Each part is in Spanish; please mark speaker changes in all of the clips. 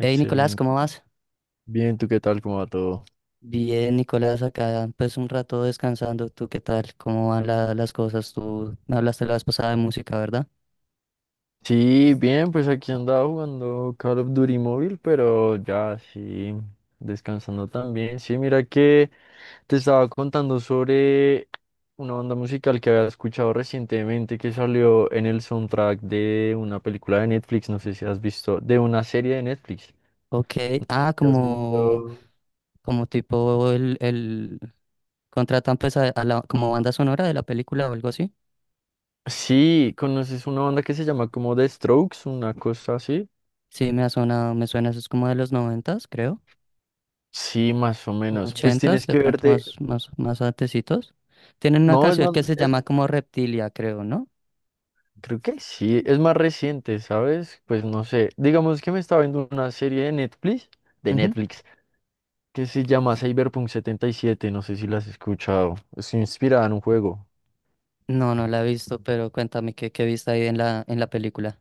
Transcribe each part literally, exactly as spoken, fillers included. Speaker 1: Hey Nicolás, ¿cómo vas?
Speaker 2: Bien, ¿tú qué tal? ¿Cómo va todo?
Speaker 1: Bien, Nicolás, acá pues un rato descansando. ¿Tú qué tal? ¿Cómo van la- las cosas? Tú me hablaste la vez pasada de música, ¿verdad?
Speaker 2: Sí, bien, pues aquí andaba jugando Call of Duty móvil, pero ya sí, descansando también. Sí, mira que te estaba contando sobre una banda musical que había escuchado recientemente que salió en el soundtrack de una película de Netflix, no sé si has visto, de una serie de Netflix.
Speaker 1: Ok,
Speaker 2: No sé
Speaker 1: ah,
Speaker 2: si has
Speaker 1: como,
Speaker 2: visto.
Speaker 1: como tipo el, el contratan pues a, a la, como banda sonora de la película o algo así.
Speaker 2: Sí, ¿conoces una banda que se llama como The Strokes, una cosa así?
Speaker 1: Sí, me ha sonado, me suena, eso es como de los noventas, creo,
Speaker 2: Sí, más o
Speaker 1: o
Speaker 2: menos. Pues
Speaker 1: ochentas,
Speaker 2: tienes
Speaker 1: de
Speaker 2: que
Speaker 1: pronto
Speaker 2: verte.
Speaker 1: más, más, más antecitos. Tienen una
Speaker 2: No, es
Speaker 1: canción
Speaker 2: más,
Speaker 1: que se
Speaker 2: es,
Speaker 1: llama como Reptilia, creo, ¿no?
Speaker 2: creo que sí, es más reciente, ¿sabes? Pues no sé, digamos que me estaba viendo una serie de Netflix, de
Speaker 1: Ujú.
Speaker 2: Netflix, que se llama Cyberpunk setenta y siete, no sé si la has escuchado, es inspirada en un juego.
Speaker 1: No, no la he visto, pero cuéntame qué, qué viste ahí en la, en la película.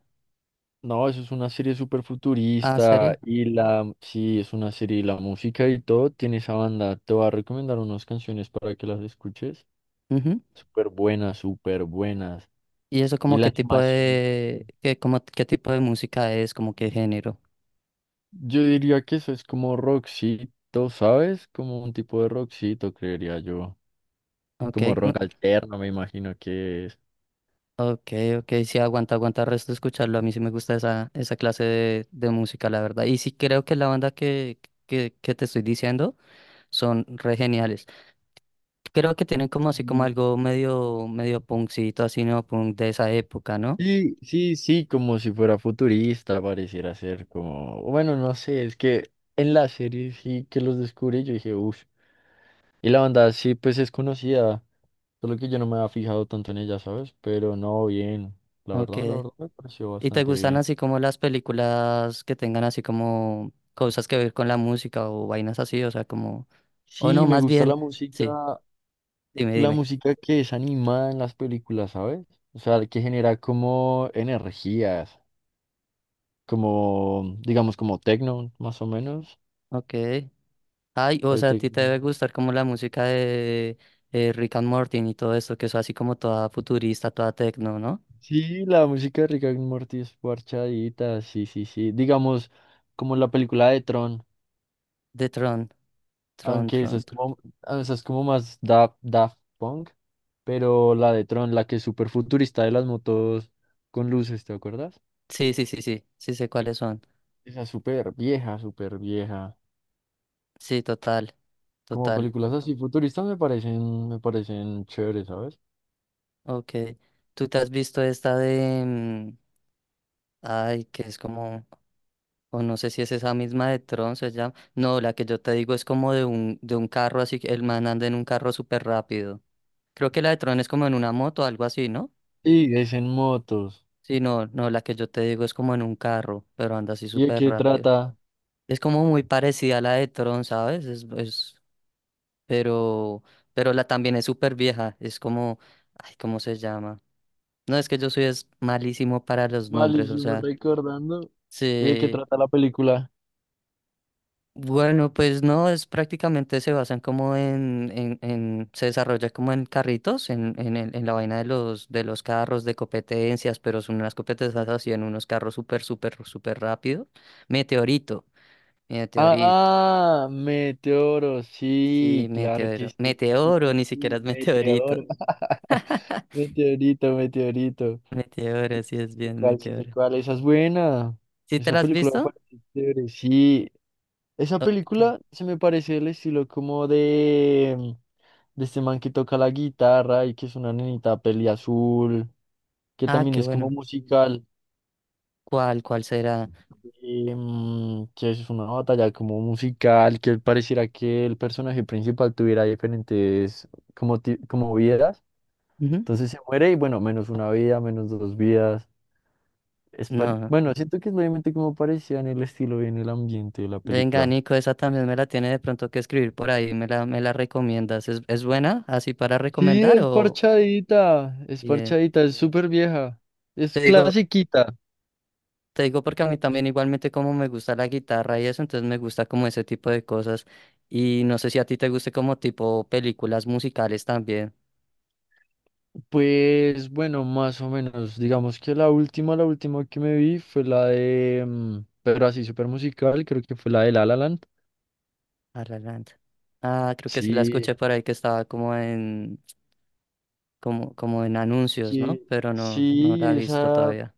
Speaker 2: No, eso es una serie súper
Speaker 1: Ah, ¿serie?
Speaker 2: futurista y la, sí, es una serie y la música y todo, tiene esa banda, te voy a recomendar unas canciones para que las escuches,
Speaker 1: Ujú.
Speaker 2: súper buenas, súper buenas,
Speaker 1: ¿Y eso
Speaker 2: y
Speaker 1: como
Speaker 2: la
Speaker 1: qué tipo
Speaker 2: animación.
Speaker 1: de qué, como, qué tipo de música es, como qué género?
Speaker 2: Yo diría que eso es como rockcito, ¿sabes? Como un tipo de rockcito, creería yo.
Speaker 1: Ok,
Speaker 2: Como
Speaker 1: no,
Speaker 2: rock alterno, me imagino que es.
Speaker 1: ok, ok, sí, aguanta, aguanta el resto de escucharlo. A mí sí me gusta esa, esa clase de, de música, la verdad. Y sí creo que la banda que, que, que te estoy diciendo son re geniales. Creo que tienen como así como
Speaker 2: Mm.
Speaker 1: algo medio, medio punkcito, así no punk de esa época, ¿no?
Speaker 2: Sí, sí, sí, como si fuera futurista, pareciera ser como, bueno, no sé, es que en la serie sí que los descubrí, yo dije, uff, y la banda sí, pues es conocida, solo que yo no me había fijado tanto en ella, ¿sabes? Pero no, bien, la
Speaker 1: Ok.
Speaker 2: verdad, la verdad me pareció
Speaker 1: ¿Y te
Speaker 2: bastante
Speaker 1: gustan
Speaker 2: bien.
Speaker 1: así como las películas que tengan así como cosas que ver con la música o vainas así? O sea, como... O no,
Speaker 2: Sí, me
Speaker 1: más
Speaker 2: gusta la
Speaker 1: bien,
Speaker 2: música,
Speaker 1: sí, dime,
Speaker 2: la
Speaker 1: dime.
Speaker 2: música que es animada en las películas, ¿sabes? O sea, que genera como energías, como, digamos, como techno, más o menos.
Speaker 1: Ok. Ay, o
Speaker 2: El
Speaker 1: sea, a
Speaker 2: tec-
Speaker 1: ti te debe gustar como la música de eh, Rick and Morty y todo esto, que es así como toda futurista, toda techno, ¿no?
Speaker 2: Sí, la música de Rick and Morty es parchadita, sí, sí, sí. Digamos, como la película de Tron,
Speaker 1: De Tron, Tron,
Speaker 2: aunque esa
Speaker 1: Tron,
Speaker 2: es
Speaker 1: Tron.
Speaker 2: como, esa es como más da, Daft Punk, pero la de Tron, la que es súper futurista de las motos con luces, ¿te acuerdas?
Speaker 1: Sí, sí, sí, sí, sí sé cuáles son.
Speaker 2: Esa es súper vieja, súper vieja.
Speaker 1: Sí, total,
Speaker 2: Como
Speaker 1: total.
Speaker 2: películas así futuristas me parecen, me parecen chéveres, ¿sabes?
Speaker 1: Ok. ¿Tú te has visto esta de... mm, ay, que es como... O no sé si es esa misma de Tron, se llama. No, la que yo te digo es como de un, de un carro así, que el man anda en un carro súper rápido. Creo que la de Tron es como en una moto o algo así, ¿no?
Speaker 2: Y es en motos.
Speaker 1: Sí, no, no, la que yo te digo es como en un carro, pero anda así
Speaker 2: ¿Y de
Speaker 1: súper
Speaker 2: qué
Speaker 1: rápido.
Speaker 2: trata?
Speaker 1: Es como muy parecida a la de Tron, ¿sabes? Es, es, pero, pero la también es súper vieja. Es como, ay, ¿cómo se llama? No, es que yo soy es malísimo para los nombres, o
Speaker 2: Malísimo
Speaker 1: sea,
Speaker 2: recordando. ¿Y de qué
Speaker 1: sí,
Speaker 2: trata la película?
Speaker 1: bueno, pues no, es prácticamente se basan como en, en, en- se desarrolla como en carritos, en, en, el- en la vaina de los, de los carros, de competencias, pero son unas competencias así en unos carros súper, súper, súper rápido. Meteorito, meteorito,
Speaker 2: Ah, Meteoro,
Speaker 1: sí,
Speaker 2: sí, claro que
Speaker 1: meteoro,
Speaker 2: sí. Sí, sí,
Speaker 1: meteoro,
Speaker 2: sí,
Speaker 1: ni siquiera
Speaker 2: sí,
Speaker 1: es meteorito,
Speaker 2: Meteoro. Meteorito, meteorito.
Speaker 1: meteoro, sí es
Speaker 2: Sí,
Speaker 1: bien
Speaker 2: ¿cuál? Sí sé
Speaker 1: meteoro.
Speaker 2: cuál. Esa es buena.
Speaker 1: ¿Sí te
Speaker 2: Esa
Speaker 1: la has
Speaker 2: película me
Speaker 1: visto?
Speaker 2: parece chévere, sí. Esa
Speaker 1: Ok.
Speaker 2: película se me parece el estilo como de... de este man que toca la guitarra y que es una nenita peli azul, que
Speaker 1: Ah,
Speaker 2: también
Speaker 1: qué
Speaker 2: es como
Speaker 1: bueno.
Speaker 2: musical,
Speaker 1: ¿Cuál, cuál será?
Speaker 2: em, que es una batalla como musical, que pareciera que el personaje principal tuviera diferentes como, ti- como vidas.
Speaker 1: Ujú.
Speaker 2: Entonces se muere y bueno, menos una vida, menos dos vidas. Es par-
Speaker 1: No.
Speaker 2: bueno, siento que es obviamente como parecía en el estilo y en el ambiente de la
Speaker 1: Venga,
Speaker 2: película.
Speaker 1: Nico, esa también me la tiene de pronto que escribir por ahí, me la, me la recomiendas. ¿Es, es buena así para
Speaker 2: Sí,
Speaker 1: recomendar
Speaker 2: es
Speaker 1: o
Speaker 2: parchadita, es
Speaker 1: bien?
Speaker 2: parchadita, es súper vieja, es
Speaker 1: Te digo,
Speaker 2: clasiquita.
Speaker 1: te digo porque a mí también igualmente como me gusta la guitarra y eso, entonces me gusta como ese tipo de cosas. Y no sé si a ti te guste como tipo películas musicales también.
Speaker 2: Pues bueno, más o menos. Digamos que la última, la última que me vi fue la de, mm, pero así súper musical, creo que fue la de La La Land.
Speaker 1: Ah, La Land. Ah, creo que sí la
Speaker 2: Sí,
Speaker 1: escuché por ahí que estaba como en, como, como en anuncios, ¿no?
Speaker 2: que,
Speaker 1: Pero no, no
Speaker 2: sí,
Speaker 1: la he visto
Speaker 2: esa,
Speaker 1: todavía.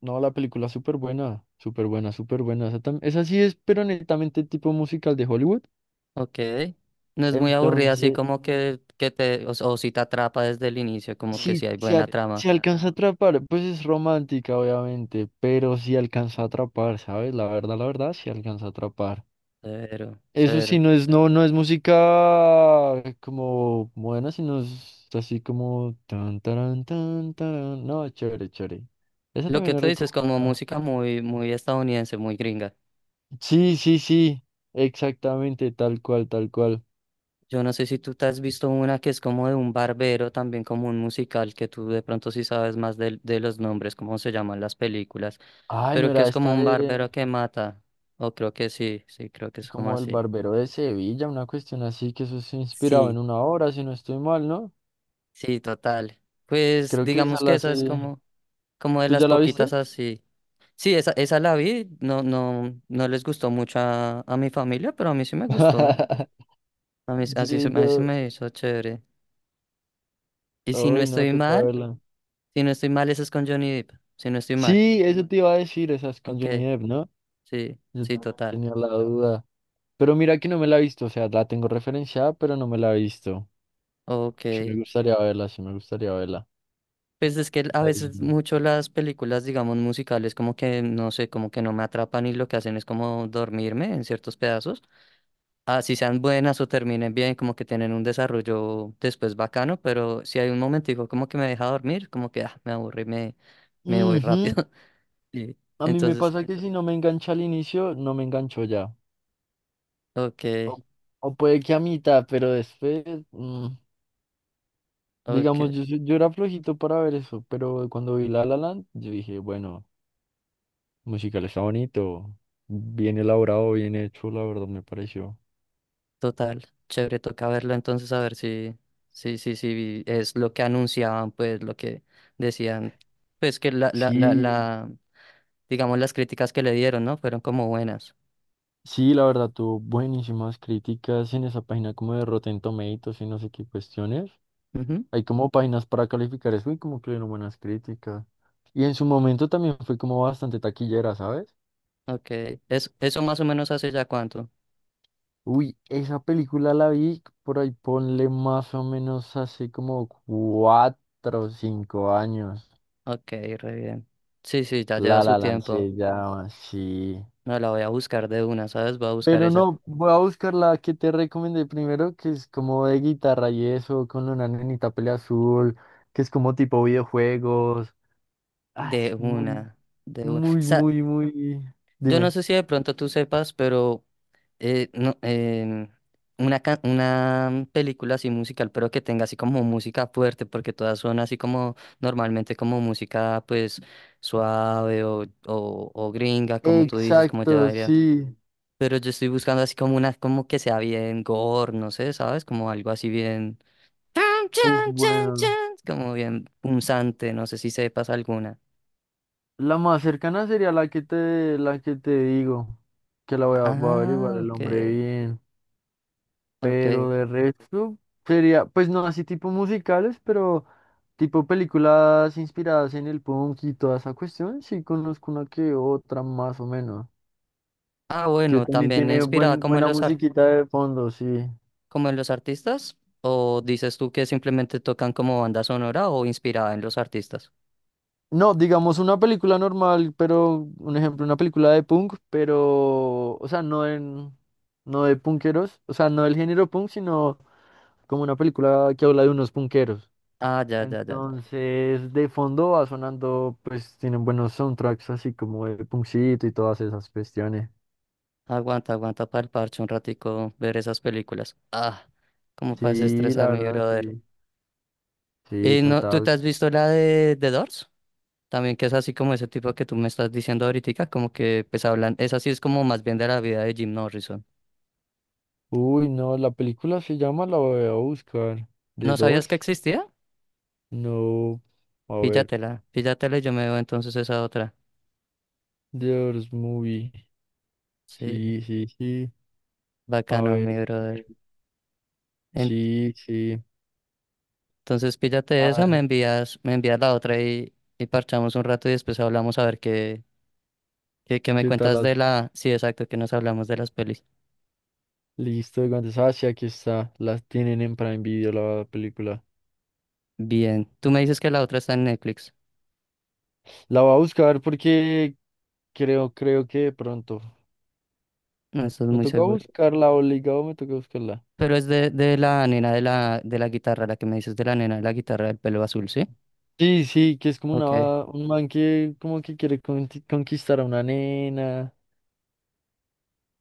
Speaker 2: no, la película es súper buena, súper buena, súper buena. Esa, tam- esa sí es, pero netamente tipo musical de Hollywood.
Speaker 1: Ok. No es muy aburrida, así
Speaker 2: Entonces, mm,
Speaker 1: como que, que te, o, o si te atrapa desde el inicio, como que si
Speaker 2: sí,
Speaker 1: hay
Speaker 2: se, a-
Speaker 1: buena trama.
Speaker 2: se alcanza a atrapar, pues es romántica, obviamente, pero sí alcanza a atrapar, ¿sabes? La verdad, la verdad, sí alcanza a atrapar.
Speaker 1: Cero,
Speaker 2: Eso sí,
Speaker 1: cero.
Speaker 2: no es, no, no es música como buena, sino es así como tan, tarán, tan, tarán. No, chévere, chévere. Esa
Speaker 1: Lo que
Speaker 2: también es
Speaker 1: tú dices, como
Speaker 2: recomendada.
Speaker 1: música muy, muy estadounidense, muy gringa.
Speaker 2: Sí, sí, sí. Exactamente, tal cual, tal cual.
Speaker 1: Yo no sé si tú te has visto una que es como de un barbero, también como un musical, que tú de pronto sí sabes más de, de los nombres, cómo se llaman las películas,
Speaker 2: Ay, no
Speaker 1: pero que
Speaker 2: era
Speaker 1: es como
Speaker 2: esta
Speaker 1: un
Speaker 2: de
Speaker 1: barbero que mata. O creo que sí, sí, creo que es como
Speaker 2: como el
Speaker 1: así.
Speaker 2: barbero de Sevilla, una cuestión así que eso es inspirado
Speaker 1: Sí,
Speaker 2: en una obra, si no estoy mal, ¿no?
Speaker 1: sí, total. Pues
Speaker 2: Creo que esa
Speaker 1: digamos que
Speaker 2: la
Speaker 1: esa es
Speaker 2: sí.
Speaker 1: como, como de
Speaker 2: ¿Tú
Speaker 1: las
Speaker 2: ya la
Speaker 1: poquitas
Speaker 2: viste?
Speaker 1: así. Sí, esa, esa la vi, no, no, no les gustó mucho a, a mi familia, pero a mí sí me gustó. A mí, así se,
Speaker 2: Sí,
Speaker 1: me- así se
Speaker 2: no.
Speaker 1: me hizo chévere. Y si no
Speaker 2: Ay, no,
Speaker 1: estoy
Speaker 2: toca
Speaker 1: mal,
Speaker 2: verla.
Speaker 1: si no estoy mal, esa es con Johnny Depp. Si no estoy mal.
Speaker 2: Sí, eso te iba a decir, esa es con
Speaker 1: Ok,
Speaker 2: Johnny Depp, ¿no?
Speaker 1: sí,
Speaker 2: Yo
Speaker 1: sí,
Speaker 2: también
Speaker 1: total.
Speaker 2: tenía la duda. Pero mira que no me la he visto, o sea, la tengo referenciada, pero no me la he visto.
Speaker 1: Ok.
Speaker 2: Sí me gustaría verla, sí me gustaría verla.
Speaker 1: Pues es que a veces
Speaker 2: Ahí.
Speaker 1: mucho las películas, digamos, musicales, como que no sé, como que no me atrapan y lo que hacen es como dormirme en ciertos pedazos. Así sean buenas o terminen bien, como que tienen un desarrollo después bacano, pero si hay un momentico como que me deja dormir, como que ah, me aburro y me, me voy
Speaker 2: Ujú.
Speaker 1: rápido. Y
Speaker 2: A mí me
Speaker 1: entonces,
Speaker 2: pasa que si no me engancha al inicio, no me engancho ya.
Speaker 1: ok,
Speaker 2: O, o puede que a mitad, pero después, mm,
Speaker 1: ok,
Speaker 2: digamos, yo, soy- yo era flojito para ver eso, pero cuando vi La La Land, yo dije, bueno, musical está bonito, bien elaborado, bien hecho, la verdad me pareció.
Speaker 1: total, chévere, toca verlo entonces a ver si, si, si, si es lo que anunciaban, pues lo que decían, pues que la, la, la,
Speaker 2: Sí.
Speaker 1: la, digamos las críticas que le dieron, ¿no? Fueron como buenas.
Speaker 2: Sí, la verdad, tuvo buenísimas críticas en esa página como de Rotten Tomatoes y no sé qué cuestiones.
Speaker 1: Ujú,
Speaker 2: Hay como páginas para calificar eso y como que le dieron buenas críticas. Y en su momento también fue como bastante taquillera, ¿sabes?
Speaker 1: ok, es, eso más o menos hace ya cuánto.
Speaker 2: Uy, esa película la vi por ahí, ponle más o menos hace como cuatro o cinco años.
Speaker 1: Ok, re bien. Sí, sí, ya lleva
Speaker 2: La
Speaker 1: su
Speaker 2: La Land
Speaker 1: tiempo.
Speaker 2: se llama, sí.
Speaker 1: No, la voy a buscar de una, ¿sabes? Voy a buscar
Speaker 2: Pero
Speaker 1: esa.
Speaker 2: no, voy a buscar la que te recomendé primero, que es como de guitarra y eso, con una nenita pelea azul, que es como tipo videojuegos. Ah, es
Speaker 1: De
Speaker 2: muy,
Speaker 1: una, de una.
Speaker 2: muy,
Speaker 1: Sa-
Speaker 2: muy, muy.
Speaker 1: yo no
Speaker 2: Dime.
Speaker 1: sé si de pronto tú sepas, pero eh, no, em, una, ca- una película así musical, pero que tenga así como música fuerte, porque todas son así como normalmente como música pues suave o, o, o gringa, como tú dices, como ya
Speaker 2: Exacto,
Speaker 1: diría.
Speaker 2: sí.
Speaker 1: Pero yo estoy buscando así como una, como que sea bien gore, no sé, ¿sabes? Como algo así bien. Chan,
Speaker 2: Uf,
Speaker 1: chan, chan,
Speaker 2: bueno.
Speaker 1: chan. Como bien punzante, no sé si sepas alguna.
Speaker 2: La más cercana sería la que te, la que te digo, que la voy a, voy a averiguar
Speaker 1: Ah,
Speaker 2: el
Speaker 1: ok,
Speaker 2: nombre bien.
Speaker 1: ok.
Speaker 2: Pero de resto sería, pues no así tipo musicales, pero tipo películas inspiradas en el punk y toda esa cuestión, sí conozco una que otra más o menos,
Speaker 1: Ah,
Speaker 2: que
Speaker 1: bueno,
Speaker 2: también
Speaker 1: también
Speaker 2: tiene
Speaker 1: inspirada
Speaker 2: buen,
Speaker 1: como en
Speaker 2: buena
Speaker 1: los ar-
Speaker 2: musiquita de fondo, sí.
Speaker 1: como en los artistas. ¿O dices tú que simplemente tocan como banda sonora o inspirada en los artistas?
Speaker 2: No, digamos una película normal, pero un ejemplo, una película de punk, pero, o sea, no en, no de punkeros, o sea, no del género punk, sino como una película que habla de unos punkeros.
Speaker 1: Ah, ya, ya, ya, ya.
Speaker 2: Entonces, de fondo va sonando, pues tienen buenos soundtracks así como de Punkcito y todas esas cuestiones.
Speaker 1: Aguanta, aguanta para el parche un ratico ver esas películas. Ah, como para
Speaker 2: Sí, la
Speaker 1: desestresar mi
Speaker 2: verdad,
Speaker 1: brother.
Speaker 2: sí. Sí,
Speaker 1: ¿Y no, tú
Speaker 2: total.
Speaker 1: te has visto la de The Doors? También que es así como ese tipo que tú me estás diciendo ahorita, como que pues hablan, es así, es como más bien de la vida de Jim Morrison.
Speaker 2: Uy, no, la película se llama, la voy a buscar. The
Speaker 1: ¿No sabías
Speaker 2: Doors.
Speaker 1: que existía?
Speaker 2: No, a ver.
Speaker 1: Píllatela, píllatela y yo me veo entonces esa otra.
Speaker 2: The Doors Movie.
Speaker 1: Sí,
Speaker 2: Sí, sí, sí. A
Speaker 1: bacano,
Speaker 2: ver.
Speaker 1: mi brother.
Speaker 2: eh,
Speaker 1: En-
Speaker 2: Sí, sí.
Speaker 1: Entonces píllate esa, me
Speaker 2: Ah,
Speaker 1: envías, me envías la otra y, y parchamos un rato y después hablamos a ver qué, qué, qué me
Speaker 2: ¿qué tal?
Speaker 1: cuentas
Speaker 2: la-
Speaker 1: de la... Sí, exacto, que nos hablamos de las pelis.
Speaker 2: Listo, entonces, ah, sí, aquí está. Las tienen en Prime Video la película.
Speaker 1: Bien, tú me dices que la otra está en Netflix.
Speaker 2: La voy a buscar porque creo, creo que de pronto.
Speaker 1: No estoy
Speaker 2: Me
Speaker 1: muy
Speaker 2: toca
Speaker 1: seguro.
Speaker 2: buscarla, obligado me toca buscarla.
Speaker 1: Pero es de, de la nena de la, de la guitarra, la que me dices de la nena de la guitarra del pelo azul, ¿sí?
Speaker 2: Sí, sí, que es como
Speaker 1: Ok.
Speaker 2: una, un man que como que quiere conti- conquistar a una nena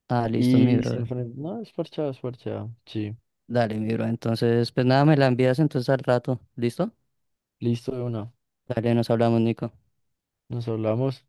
Speaker 1: Ah, listo, mi
Speaker 2: y se
Speaker 1: bro.
Speaker 2: enfrenta. No, es parchado, es parchado. Sí,
Speaker 1: Dale, mi bro. Entonces, pues nada, me la envías entonces al rato. ¿Listo?
Speaker 2: listo de una.
Speaker 1: Dale, nos hablamos, Nico.
Speaker 2: Nos hablamos.